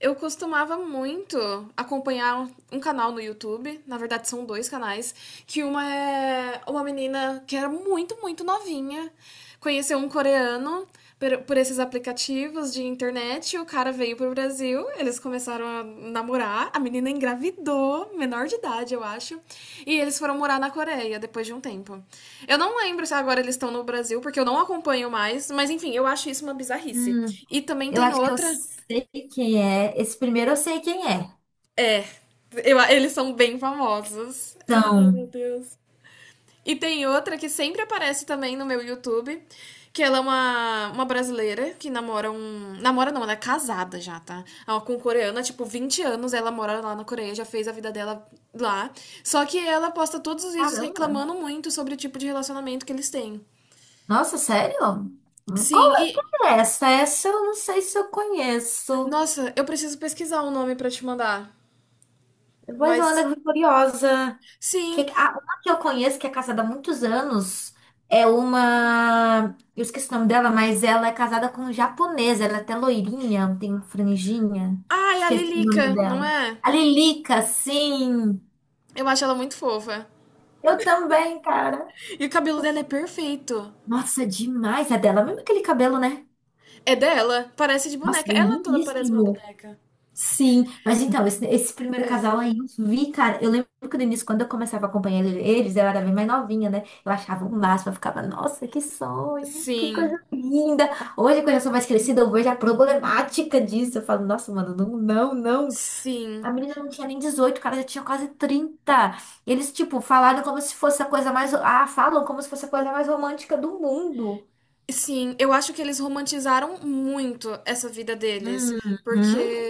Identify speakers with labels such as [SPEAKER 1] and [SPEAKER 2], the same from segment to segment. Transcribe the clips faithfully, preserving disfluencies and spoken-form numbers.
[SPEAKER 1] Eu costumava muito acompanhar um- um canal no YouTube, na verdade são dois canais, que uma é uma menina que era muito, muito novinha, conheceu um coreano per- por esses aplicativos de internet, o cara veio pro Brasil, eles começaram a namorar, a menina engravidou, menor de idade, eu acho, e eles foram morar na Coreia depois de um tempo. Eu não lembro se agora eles estão no Brasil, porque eu não acompanho mais, mas enfim, eu acho isso uma bizarrice.
[SPEAKER 2] Hum,
[SPEAKER 1] E também
[SPEAKER 2] eu
[SPEAKER 1] tem
[SPEAKER 2] acho que eu
[SPEAKER 1] outra.
[SPEAKER 2] sei quem é. Esse primeiro eu sei quem é.
[SPEAKER 1] É, eu- eles são bem famosos. Ai, meu
[SPEAKER 2] Então,
[SPEAKER 1] Deus. E tem outra que sempre aparece também no meu YouTube, que ela é uma, uma brasileira que namora um... Namora não, ela é casada já, tá? Ela é com um coreano, há, tipo, vinte anos, ela mora lá na Coreia, já fez a vida dela lá. Só que ela posta todos os vídeos
[SPEAKER 2] caramba.
[SPEAKER 1] reclamando muito sobre o tipo de relacionamento que eles têm.
[SPEAKER 2] Nossa, sério?
[SPEAKER 1] Sim,
[SPEAKER 2] Qual é
[SPEAKER 1] e...
[SPEAKER 2] quem é essa? Essa eu não sei se eu conheço.
[SPEAKER 1] Nossa, eu preciso pesquisar o nome pra te mandar.
[SPEAKER 2] Depois eu
[SPEAKER 1] Mas,
[SPEAKER 2] ando curiosa. Que,
[SPEAKER 1] sim.
[SPEAKER 2] a, uma que eu conheço, que é casada há muitos anos, é uma. Eu esqueci o nome dela, mas ela é casada com um japonês. Ela é até loirinha, tem uma franjinha.
[SPEAKER 1] Ah, é a
[SPEAKER 2] Esqueci o nome
[SPEAKER 1] Lilica, não
[SPEAKER 2] dela.
[SPEAKER 1] é?
[SPEAKER 2] A Lilica, sim.
[SPEAKER 1] Eu acho ela muito fofa.
[SPEAKER 2] Eu também, cara.
[SPEAKER 1] E o cabelo dela é perfeito.
[SPEAKER 2] Nossa, é demais. É dela mesmo aquele cabelo, né?
[SPEAKER 1] É dela, parece de
[SPEAKER 2] Nossa,
[SPEAKER 1] boneca. Ela toda parece uma
[SPEAKER 2] lindíssimo.
[SPEAKER 1] boneca.
[SPEAKER 2] Sim, mas então, esse, esse primeiro
[SPEAKER 1] É.
[SPEAKER 2] casal aí eu vi, cara. Eu lembro que no início, quando eu começava a acompanhar ele- eles, eu era bem mais novinha, né? Eu achava o máximo, eu ficava, nossa, que sonho, que coisa
[SPEAKER 1] Sim,
[SPEAKER 2] linda. Hoje, quando eu sou mais crescida, eu vejo a problemática disso. Eu falo, nossa, mano, não, não, não.
[SPEAKER 1] sim,
[SPEAKER 2] A menina não tinha nem dezoito, o cara já tinha quase trinta. Eles, tipo, falaram como se fosse a coisa mais. Ah, falam como se fosse a coisa mais romântica do mundo.
[SPEAKER 1] sim. Eu acho que eles romantizaram muito essa vida deles. Porque
[SPEAKER 2] Uhum.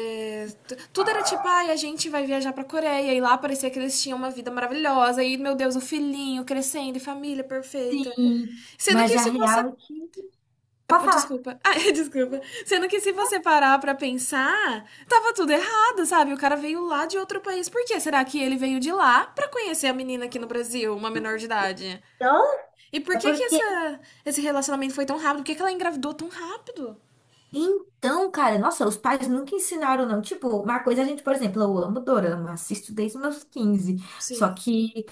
[SPEAKER 1] t- tudo era tipo, ai, a gente vai viajar pra Coreia. E lá parecia que eles tinham uma vida maravilhosa. E, meu Deus, o filhinho crescendo e família perfeita.
[SPEAKER 2] Sim,
[SPEAKER 1] Sendo
[SPEAKER 2] mas
[SPEAKER 1] que
[SPEAKER 2] a
[SPEAKER 1] se você...
[SPEAKER 2] real é que.
[SPEAKER 1] Ah,
[SPEAKER 2] Pode
[SPEAKER 1] pô,
[SPEAKER 2] falar.
[SPEAKER 1] desculpa. Ah, desculpa. Sendo que se você parar pra pensar, tava tudo errado, sabe? O cara veio lá de outro país. Por que será que ele veio de lá pra conhecer a menina aqui no Brasil, uma menor de idade?
[SPEAKER 2] Então,
[SPEAKER 1] E por
[SPEAKER 2] é
[SPEAKER 1] que que
[SPEAKER 2] porque...
[SPEAKER 1] essa, esse relacionamento foi tão rápido? Por que que ela engravidou tão rápido?
[SPEAKER 2] Então, cara, nossa, os pais nunca ensinaram, não. Tipo, uma coisa a gente, por exemplo, eu amo dorama, assisto desde os meus quinze. Só
[SPEAKER 1] Sim.
[SPEAKER 2] que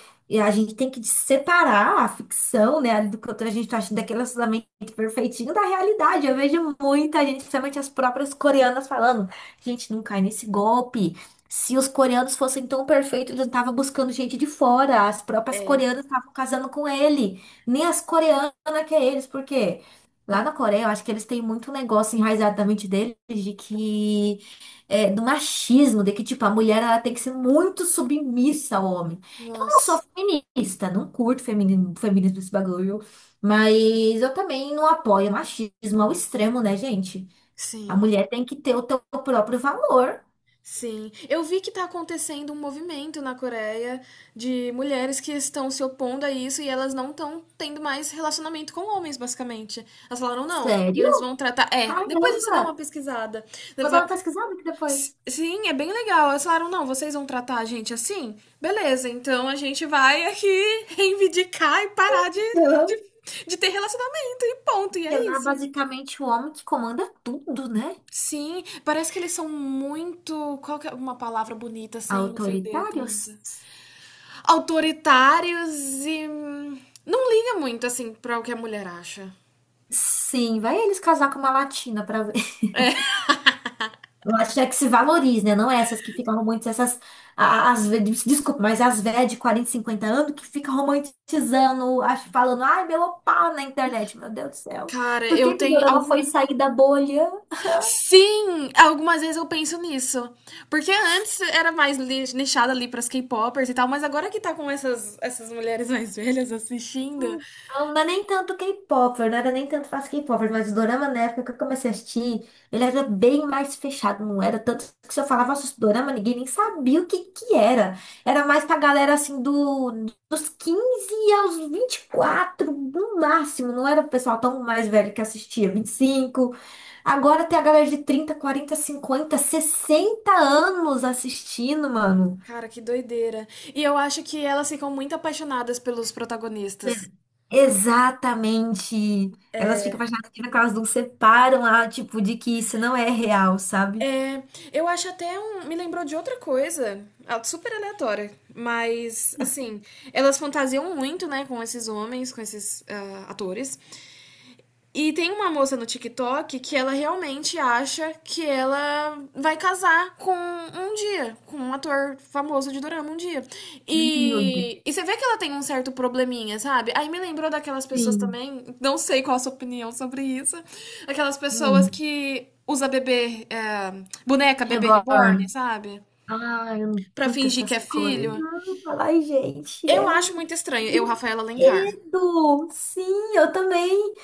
[SPEAKER 2] a gente tem que separar a ficção, né, do que a gente tá achando daquele relacionamento perfeitinho da realidade. Eu vejo muita gente, principalmente as próprias coreanas, falando: gente, não cai nesse golpe. Se os coreanos fossem tão perfeitos, eles não estavam buscando gente de fora. As próprias
[SPEAKER 1] É.
[SPEAKER 2] coreanas estavam casando com ele. Nem as coreanas que é eles, por quê? Lá na Coreia, eu acho que eles têm muito negócio enraizado na mente deles de que é, do machismo, de que tipo a mulher ela tem que ser muito submissa ao homem. Eu não sou
[SPEAKER 1] Nossa.
[SPEAKER 2] feminista, não curto feminismo, feminismo esse bagulho, mas eu também não apoio machismo ao extremo, né, gente? A
[SPEAKER 1] Sim.
[SPEAKER 2] mulher tem que ter o teu próprio valor.
[SPEAKER 1] Sim, eu vi que está acontecendo um movimento na Coreia de mulheres que estão se opondo a isso e elas não estão tendo mais relacionamento com homens, basicamente. Elas falaram, não,
[SPEAKER 2] Sério?
[SPEAKER 1] eles vão tratar. É, depois você dá
[SPEAKER 2] Caramba!
[SPEAKER 1] uma pesquisada.
[SPEAKER 2] Vou dar
[SPEAKER 1] Va-
[SPEAKER 2] uma pesquisada aqui
[SPEAKER 1] S-
[SPEAKER 2] depois.
[SPEAKER 1] Sim, é bem legal. Elas falaram, não, vocês vão tratar a gente assim? Beleza, então a gente vai aqui reivindicar e parar de,
[SPEAKER 2] Então,
[SPEAKER 1] de, de ter relacionamento e ponto, e
[SPEAKER 2] porque
[SPEAKER 1] é
[SPEAKER 2] lá
[SPEAKER 1] isso.
[SPEAKER 2] basicamente o homem que comanda tudo, né?
[SPEAKER 1] Sim, parece que eles são muito... Qual que é uma palavra bonita sem ofender tanto?
[SPEAKER 2] Autoritários.
[SPEAKER 1] Autoritários e. hum, não liga muito, assim, pra o que a mulher acha.
[SPEAKER 2] Sim, vai eles casar com uma latina pra ver.
[SPEAKER 1] É.
[SPEAKER 2] Latina que se valorize, né? Não é essas que ficam romantizando essas. a- As, ve- des- desculpa, mas as velhas de quarenta cinquenta anos que ficam romantizando, acho, falando, ai, meu opá na internet. Meu Deus do céu.
[SPEAKER 1] Cara,
[SPEAKER 2] Por
[SPEAKER 1] eu
[SPEAKER 2] que que o
[SPEAKER 1] tenho
[SPEAKER 2] Dorama foi
[SPEAKER 1] alguma...
[SPEAKER 2] sair da bolha?
[SPEAKER 1] Sim! Algumas vezes eu penso nisso. Porque antes era mais li- nichada ali pras K-popers e tal, mas agora que tá com essas, essas mulheres mais velhas assistindo.
[SPEAKER 2] Não era nem tanto K-pop, eu não era nem tanto fácil K-pop, mas o dorama na época que eu comecei a assistir, ele era bem mais fechado, não era tanto que se eu falava sobre dorama, ninguém nem sabia o que que era. Era mais pra galera assim do, dos quinze aos vinte e quatro no máximo, não era o pessoal tão mais velho que assistia, vinte e cinco. Agora tem a galera de trinta quarenta cinquenta sessenta anos assistindo, mano.
[SPEAKER 1] Cara, que doideira. E eu acho que elas ficam muito apaixonadas pelos protagonistas.
[SPEAKER 2] Exatamente. Elas ficam
[SPEAKER 1] É.
[SPEAKER 2] apaixonadas por que elas não separam a, tipo, de que isso não é real, sabe?
[SPEAKER 1] É, eu acho até um... Me lembrou de outra coisa, ah, super aleatória, mas, assim, elas fantasiam muito, né, com esses homens, com esses ah, atores, e tem uma moça no TikTok que ela realmente acha que ela vai casar com um dia, com um ator famoso de dorama um dia.
[SPEAKER 2] Ai, meu Deus.
[SPEAKER 1] E, e você vê que ela tem um certo probleminha, sabe? Aí me lembrou daquelas pessoas
[SPEAKER 2] Sim.
[SPEAKER 1] também, não sei qual a sua opinião sobre isso, aquelas pessoas
[SPEAKER 2] Hum.
[SPEAKER 1] que usa bebê, é, boneca bebê reborn,
[SPEAKER 2] Reborn.
[SPEAKER 1] sabe?
[SPEAKER 2] Ai, eu não
[SPEAKER 1] Pra
[SPEAKER 2] curto
[SPEAKER 1] fingir que
[SPEAKER 2] essas
[SPEAKER 1] é
[SPEAKER 2] coisas.
[SPEAKER 1] filho.
[SPEAKER 2] Ai, gente,
[SPEAKER 1] Eu
[SPEAKER 2] é
[SPEAKER 1] acho
[SPEAKER 2] um
[SPEAKER 1] muito estranho, eu, Rafaela Alencar.
[SPEAKER 2] brinquedo. Sim, eu também.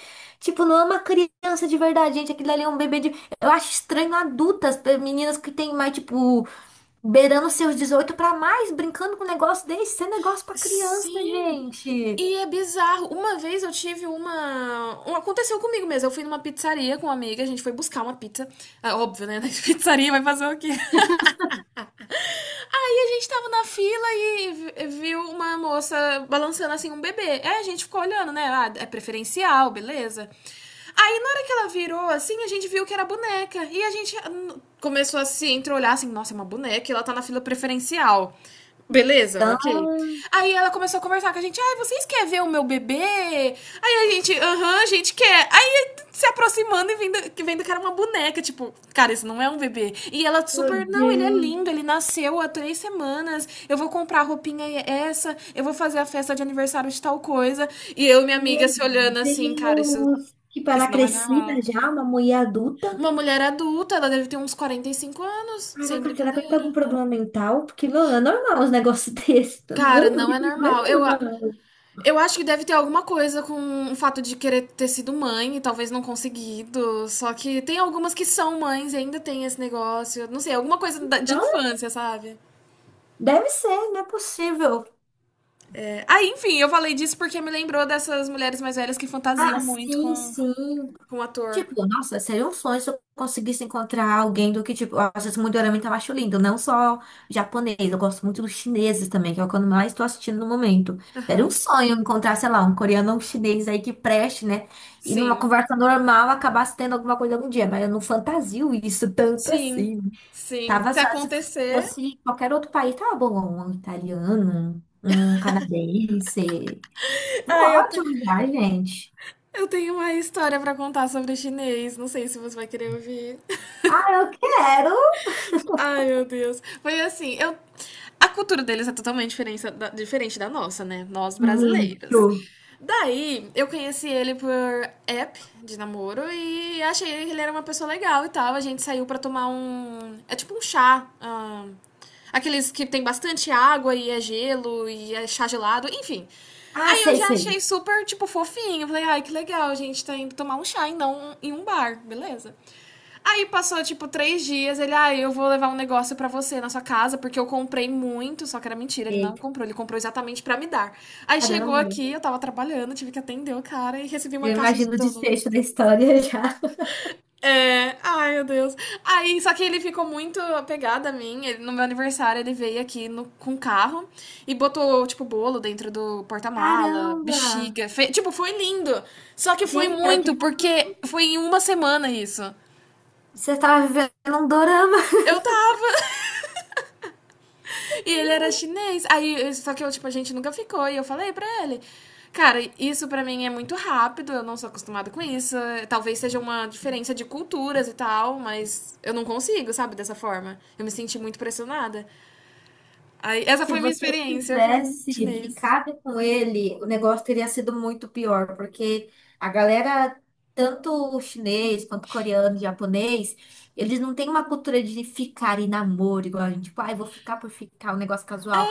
[SPEAKER 2] Tipo, não é uma criança de verdade, gente. Aquilo ali é um bebê de. Eu acho estranho adultas, pe- meninas que têm mais, tipo. Beirando seus dezoito para mais, brincando com um negócio desse, isso é negócio para criança,
[SPEAKER 1] Sim.
[SPEAKER 2] gente.
[SPEAKER 1] E é bizarro. Uma vez eu tive uma... um- Aconteceu comigo mesmo. Eu fui numa pizzaria com uma amiga, a gente foi buscar uma pizza. Ah, óbvio, né? Na pizzaria vai fazer o quê? Aí a gente tava na fila e vi- viu uma moça balançando assim um bebê. Aí a gente ficou olhando, né? Ah, é preferencial, beleza. Aí na hora que ela virou assim, a gente viu que era boneca. E a gente hum, começou a se entreolhar assim: nossa, é uma boneca e ela tá na fila preferencial. Beleza,
[SPEAKER 2] Então,
[SPEAKER 1] ok. Aí ela começou a conversar com a gente. Ai, vocês querem ver o meu bebê? Aí a gente, aham, a gente quer. Aí se aproximando e vendo, que vendo que era uma boneca. Tipo, cara, isso não é um bebê. E ela
[SPEAKER 2] meu
[SPEAKER 1] super, não, ele é
[SPEAKER 2] Deus,
[SPEAKER 1] lindo, ele nasceu há três semanas. Eu vou comprar a roupinha essa, eu vou fazer a festa de aniversário de tal coisa. E eu e minha
[SPEAKER 2] meu
[SPEAKER 1] amiga se olhando assim, cara, isso,
[SPEAKER 2] Deus, que
[SPEAKER 1] isso
[SPEAKER 2] para
[SPEAKER 1] não é
[SPEAKER 2] crescida
[SPEAKER 1] normal.
[SPEAKER 2] já, uma mulher adulta.
[SPEAKER 1] Uma mulher adulta, ela deve ter uns quarenta e cinco anos, sem
[SPEAKER 2] Caraca, será que ele tem algum
[SPEAKER 1] brincadeira.
[SPEAKER 2] problema mental? Porque, meu, não é normal os negócios desses.
[SPEAKER 1] Cara,
[SPEAKER 2] Meu
[SPEAKER 1] não
[SPEAKER 2] Deus,
[SPEAKER 1] é
[SPEAKER 2] não é
[SPEAKER 1] normal. Eu, a-
[SPEAKER 2] normal.
[SPEAKER 1] eu acho que deve ter alguma coisa com o fato de querer ter sido mãe e talvez não conseguido. Só que tem algumas que são mães e ainda tem esse negócio. Não sei, alguma coisa da- de
[SPEAKER 2] Então,
[SPEAKER 1] infância, sabe?
[SPEAKER 2] deve ser, não é possível.
[SPEAKER 1] É. Aí, enfim, eu falei disso porque me lembrou dessas mulheres mais velhas que
[SPEAKER 2] Ah,
[SPEAKER 1] fantasiam muito
[SPEAKER 2] sim,
[SPEAKER 1] com,
[SPEAKER 2] sim.
[SPEAKER 1] com o ator.
[SPEAKER 2] Tipo, nossa, seria um sonho se eu conseguisse encontrar alguém do que, tipo, eu acho esse Mudiorama também acho lindo, não só japonês, eu gosto muito dos chineses também, que é o que eu mais estou assistindo no momento. Era um sonho encontrar, sei lá, um coreano ou um chinês aí que preste, né? E numa
[SPEAKER 1] Sim,
[SPEAKER 2] conversa normal acabasse tendo alguma coisa algum dia, mas eu não fantasio isso tanto
[SPEAKER 1] sim,
[SPEAKER 2] assim.
[SPEAKER 1] sim.
[SPEAKER 2] Tava
[SPEAKER 1] Se
[SPEAKER 2] só, se
[SPEAKER 1] acontecer.
[SPEAKER 2] fosse qualquer outro país, tava bom, um italiano, um canadense.
[SPEAKER 1] Ai, eu, te-
[SPEAKER 2] Ótimo já, gente.
[SPEAKER 1] eu tenho uma história pra contar sobre chinês. Não sei se você vai querer ouvir.
[SPEAKER 2] Ah, eu quero
[SPEAKER 1] Ai, meu Deus. Foi assim, eu... A cultura deles é totalmente diferença da- diferente da nossa, né? Nós brasileiras.
[SPEAKER 2] muito.
[SPEAKER 1] Daí, eu conheci ele por app de namoro e achei que ele era uma pessoa legal e tal. A gente saiu pra tomar um... É tipo um chá, ah, aqueles que tem bastante água e é gelo e é chá gelado, enfim.
[SPEAKER 2] Ah,
[SPEAKER 1] Aí eu
[SPEAKER 2] sei,
[SPEAKER 1] já
[SPEAKER 2] sei.
[SPEAKER 1] achei super, tipo, fofinho. Eu falei, ai, que legal, a gente tá indo tomar um chá e não em um bar, beleza? Aí passou, tipo, três dias. Ele, ah, eu vou levar um negócio pra você na sua casa, porque eu comprei muito. Só que era mentira, ele não
[SPEAKER 2] Eita,
[SPEAKER 1] comprou. Ele comprou exatamente pra me dar. Aí chegou
[SPEAKER 2] caramba.
[SPEAKER 1] aqui, eu tava trabalhando, tive que atender o cara e recebi uma
[SPEAKER 2] Eu
[SPEAKER 1] caixa de
[SPEAKER 2] imagino o
[SPEAKER 1] donuts.
[SPEAKER 2] desfecho da história já.
[SPEAKER 1] É, ai, meu Deus. Aí, só que ele ficou muito apegado a mim. Ele- no meu aniversário, ele veio aqui no, com o carro e botou, tipo, bolo dentro do porta-mala,
[SPEAKER 2] Caramba!
[SPEAKER 1] bexiga. Fe- tipo, foi lindo. Só que foi
[SPEAKER 2] Gente, era
[SPEAKER 1] muito,
[SPEAKER 2] tipo,
[SPEAKER 1] porque foi em uma semana isso.
[SPEAKER 2] você tava vivendo um dorama.
[SPEAKER 1] Eu... E ele era chinês. Aí, só que eu, tipo, a gente nunca ficou. E eu falei pra ele. Cara, isso pra mim é muito rápido, eu não sou acostumada com isso. Talvez seja uma diferença de culturas e tal, mas eu não consigo, sabe, dessa forma. Eu me senti muito pressionada. Aí, essa
[SPEAKER 2] Se
[SPEAKER 1] foi minha
[SPEAKER 2] você
[SPEAKER 1] experiência com
[SPEAKER 2] tivesse
[SPEAKER 1] chinês.
[SPEAKER 2] ficado com ele, o negócio teria sido muito pior, porque a galera, tanto chinês quanto coreano, japonês, eles não têm uma cultura de ficar e namoro, igual a gente, tipo, ai, vou ficar por ficar, um negócio casual.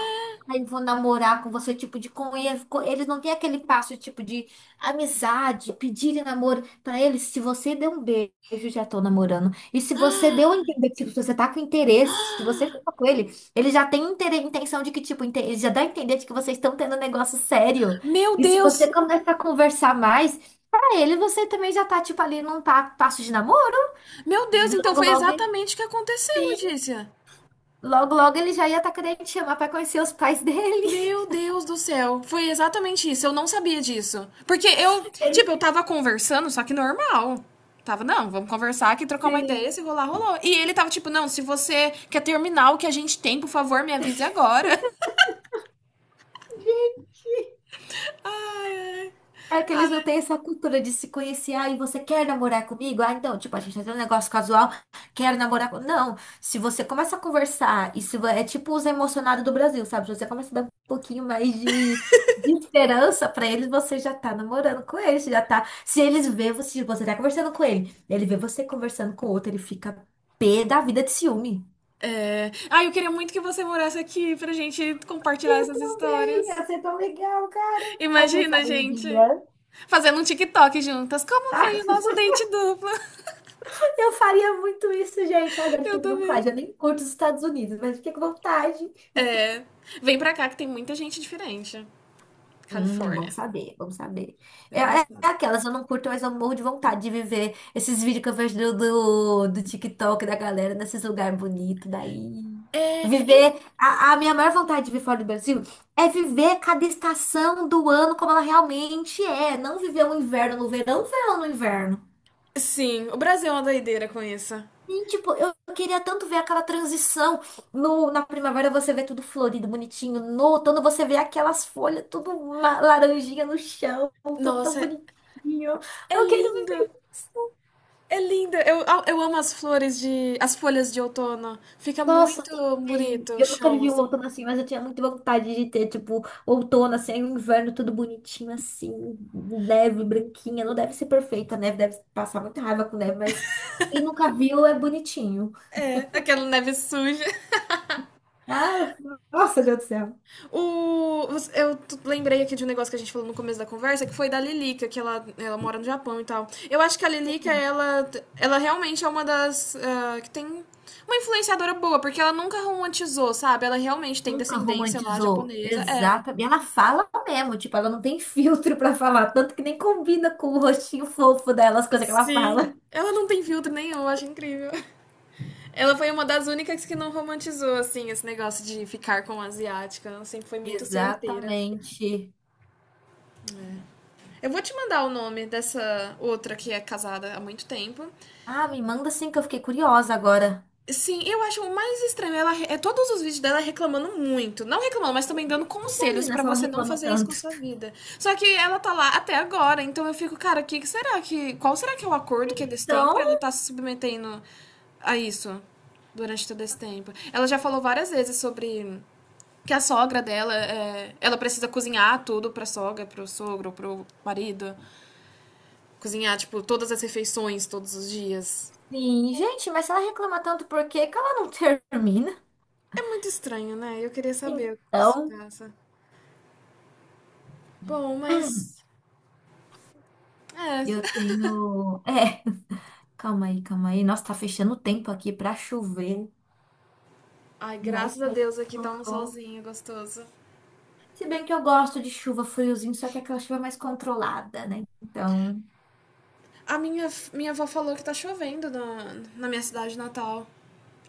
[SPEAKER 2] Ai, vou namorar com você, tipo, de conhecer. Eles não têm aquele passo, tipo, de amizade, pedir namoro. Pra eles, se você der um beijo, já tô namorando. E se você deu a entender, tipo, se você tá com interesse, se você fica com ele. Ele já tem inte- intenção de que, tipo, inte- ele já dá a entender de que vocês estão tendo um negócio sério.
[SPEAKER 1] Meu
[SPEAKER 2] E se
[SPEAKER 1] Deus!
[SPEAKER 2] você começa a conversar mais, pra ele você também já tá, tipo, ali num pa- passo de namoro.
[SPEAKER 1] Meu Deus, então
[SPEAKER 2] Logo,
[SPEAKER 1] foi
[SPEAKER 2] logo, ele-
[SPEAKER 1] exatamente o que aconteceu,
[SPEAKER 2] sim.
[SPEAKER 1] Letícia.
[SPEAKER 2] Logo, logo ele já ia estar querendo te chamar pra conhecer os pais dele.
[SPEAKER 1] Meu Deus do céu, foi exatamente isso, eu não sabia disso. Porque eu,
[SPEAKER 2] Ele-
[SPEAKER 1] tipo, eu tava conversando, só que normal. Tava, não, vamos conversar aqui, trocar uma ideia,
[SPEAKER 2] Sim.
[SPEAKER 1] se rolar, rolou. E ele tava tipo, não, se você quer terminar o que a gente tem, por favor, me avise agora. Ai, ai.
[SPEAKER 2] É que eles não têm essa cultura de se conhecer. Ah, e você quer namorar comigo? Ah, então, tipo, a gente tá tendo um negócio casual, quero namorar com... Não, se você começa a conversar, isso é tipo os emocionados do Brasil, sabe? Se você começa a dar um pouquinho mais de, de esperança pra eles, você já tá namorando com eles, já tá... Se eles vê você, se você tá conversando com ele, ele vê você conversando com outro, ele fica pé da vida de ciúme.
[SPEAKER 1] É... Ai, eu queria muito que você morasse aqui pra gente compartilhar
[SPEAKER 2] Eu
[SPEAKER 1] essas
[SPEAKER 2] também,
[SPEAKER 1] histórias.
[SPEAKER 2] você é tão legal, cara. Tá quem
[SPEAKER 1] Imagina,
[SPEAKER 2] sabe um
[SPEAKER 1] gente,
[SPEAKER 2] dia.
[SPEAKER 1] fazendo um TikTok juntas. Como foi o nosso date duplo?
[SPEAKER 2] Eu faria muito isso, gente. Agora
[SPEAKER 1] Eu
[SPEAKER 2] fiquei com
[SPEAKER 1] também.
[SPEAKER 2] vontade. Eu nem curto os Estados Unidos, mas fiquei com vontade.
[SPEAKER 1] É, vem pra cá que tem muita gente diferente.
[SPEAKER 2] Hum, bom
[SPEAKER 1] Califórnia.
[SPEAKER 2] saber, bom saber. É,
[SPEAKER 1] É um
[SPEAKER 2] é- é
[SPEAKER 1] estado.
[SPEAKER 2] aquelas, eu não curto, mas eu morro de vontade de viver esses vídeos que eu vejo do, do, do TikTok da galera nesses lugares bonitos daí.
[SPEAKER 1] É, em-
[SPEAKER 2] Viver. A, a minha maior vontade de viver fora do Brasil é viver cada estação do ano como ela realmente é. Não viver o inverno no verão, o verão no inverno.
[SPEAKER 1] sim, o Brasil é uma doideira com isso.
[SPEAKER 2] E, tipo, eu queria tanto ver aquela transição. No, na primavera você vê tudo florido, bonitinho. No outono você vê aquelas folhas, tudo ma- laranjinha no chão, tudo tão
[SPEAKER 1] Nossa, é,
[SPEAKER 2] bonitinho.
[SPEAKER 1] é
[SPEAKER 2] Eu quero
[SPEAKER 1] lindo.
[SPEAKER 2] viver isso.
[SPEAKER 1] É lindo. Eu, eu amo as flores de, as folhas de outono. Fica
[SPEAKER 2] Nossa,
[SPEAKER 1] muito
[SPEAKER 2] também.
[SPEAKER 1] bonito o
[SPEAKER 2] Eu nunca
[SPEAKER 1] chão,
[SPEAKER 2] vivi um
[SPEAKER 1] assim.
[SPEAKER 2] outono assim, mas eu tinha muita vontade de ter, tipo, outono, assim, aí o inverno tudo bonitinho, assim, neve branquinha. Não deve ser perfeita, a neve deve passar muita raiva com neve, mas quem nunca viu é bonitinho.
[SPEAKER 1] É, aquela neve suja.
[SPEAKER 2] Ah, nossa, Deus do céu.
[SPEAKER 1] O, eu lembrei aqui de um negócio que a gente falou no começo da conversa, que foi da Lilica, que ela, ela mora no Japão e tal. Eu acho que a Lilica, ela, ela realmente é uma das... ah, Que tem uma influenciadora boa, porque ela nunca romantizou, sabe? Ela realmente tem
[SPEAKER 2] Nunca
[SPEAKER 1] descendência lá
[SPEAKER 2] romantizou.
[SPEAKER 1] japonesa. É.
[SPEAKER 2] Exata. E ela fala mesmo, tipo, ela não tem filtro pra falar, tanto que nem combina com o rostinho fofo dela, as coisas que ela fala.
[SPEAKER 1] Sim. Ela não tem filtro nenhum, eu acho incrível. Ela foi uma das únicas que não romantizou, assim, esse negócio de ficar com asiática. Ela sempre foi muito certeira.
[SPEAKER 2] Exatamente.
[SPEAKER 1] Eu vou te mandar o nome dessa outra que é casada há muito tempo.
[SPEAKER 2] Ah, me manda sim que eu fiquei curiosa agora.
[SPEAKER 1] Sim, eu acho o mais estranho. Ela re- é todos os vídeos dela reclamando muito. Não reclamando, mas
[SPEAKER 2] Por
[SPEAKER 1] também
[SPEAKER 2] que
[SPEAKER 1] dando
[SPEAKER 2] que ela não
[SPEAKER 1] conselhos
[SPEAKER 2] termina
[SPEAKER 1] pra
[SPEAKER 2] se ela
[SPEAKER 1] você não
[SPEAKER 2] reclama
[SPEAKER 1] fazer isso com a
[SPEAKER 2] tanto?
[SPEAKER 1] sua vida. Só que ela tá lá até agora, então eu fico, cara, que que será que... Qual será que é o acordo que eles têm
[SPEAKER 2] Então,
[SPEAKER 1] pra ela estar se submetendo a isso durante todo esse tempo? Ela já falou várias vezes sobre que a sogra dela, é, ela precisa cozinhar tudo pra sogra, pro sogro, pro marido. Cozinhar, tipo, todas as refeições, todos os dias.
[SPEAKER 2] sim, gente, mas se ela reclama tanto, por que que ela não termina?
[SPEAKER 1] É muito estranho, né? Eu queria saber o que se
[SPEAKER 2] Então,
[SPEAKER 1] passa. Bom, mas... É.
[SPEAKER 2] eu tenho. É, calma aí, calma aí. Nossa, tá fechando o tempo aqui pra chover.
[SPEAKER 1] Ai,
[SPEAKER 2] Vai
[SPEAKER 1] graças a
[SPEAKER 2] cair
[SPEAKER 1] Deus aqui tá um
[SPEAKER 2] tudo.
[SPEAKER 1] solzinho gostoso.
[SPEAKER 2] Se bem que eu gosto de chuva friozinho, só que é aquela chuva mais controlada, né? Então,
[SPEAKER 1] A minha, minha avó falou que tá chovendo na, na minha cidade natal.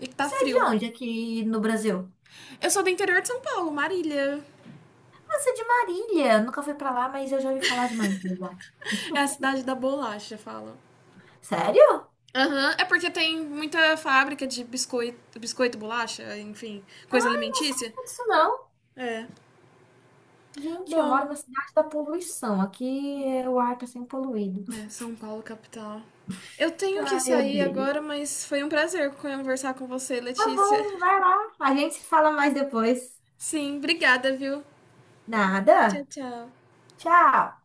[SPEAKER 1] E que tá
[SPEAKER 2] você é
[SPEAKER 1] frio.
[SPEAKER 2] de onde aqui no Brasil?
[SPEAKER 1] Eu sou do interior de São Paulo, Marília.
[SPEAKER 2] Ah, você é de Marília. Eu nunca fui pra lá, mas eu já ouvi falar de Marília.
[SPEAKER 1] É a cidade da bolacha, falam.
[SPEAKER 2] Sério?
[SPEAKER 1] Aham, é porque tem muita fábrica de biscoito, biscoito, bolacha, enfim, coisa
[SPEAKER 2] Eu não
[SPEAKER 1] alimentícia.
[SPEAKER 2] sabia disso, não.
[SPEAKER 1] É.
[SPEAKER 2] Gente, eu moro
[SPEAKER 1] Bom,
[SPEAKER 2] na cidade da poluição. Aqui é, o ar tá sempre poluído.
[SPEAKER 1] é, São Paulo, capital. Eu tenho que
[SPEAKER 2] Ai, eu
[SPEAKER 1] sair
[SPEAKER 2] odeio.
[SPEAKER 1] agora, mas foi um prazer conversar com você,
[SPEAKER 2] Tá
[SPEAKER 1] Letícia.
[SPEAKER 2] bom, vai lá. A gente se fala mais depois.
[SPEAKER 1] Sim, obrigada, viu? Tchau,
[SPEAKER 2] Nada.
[SPEAKER 1] tchau.
[SPEAKER 2] Tchau.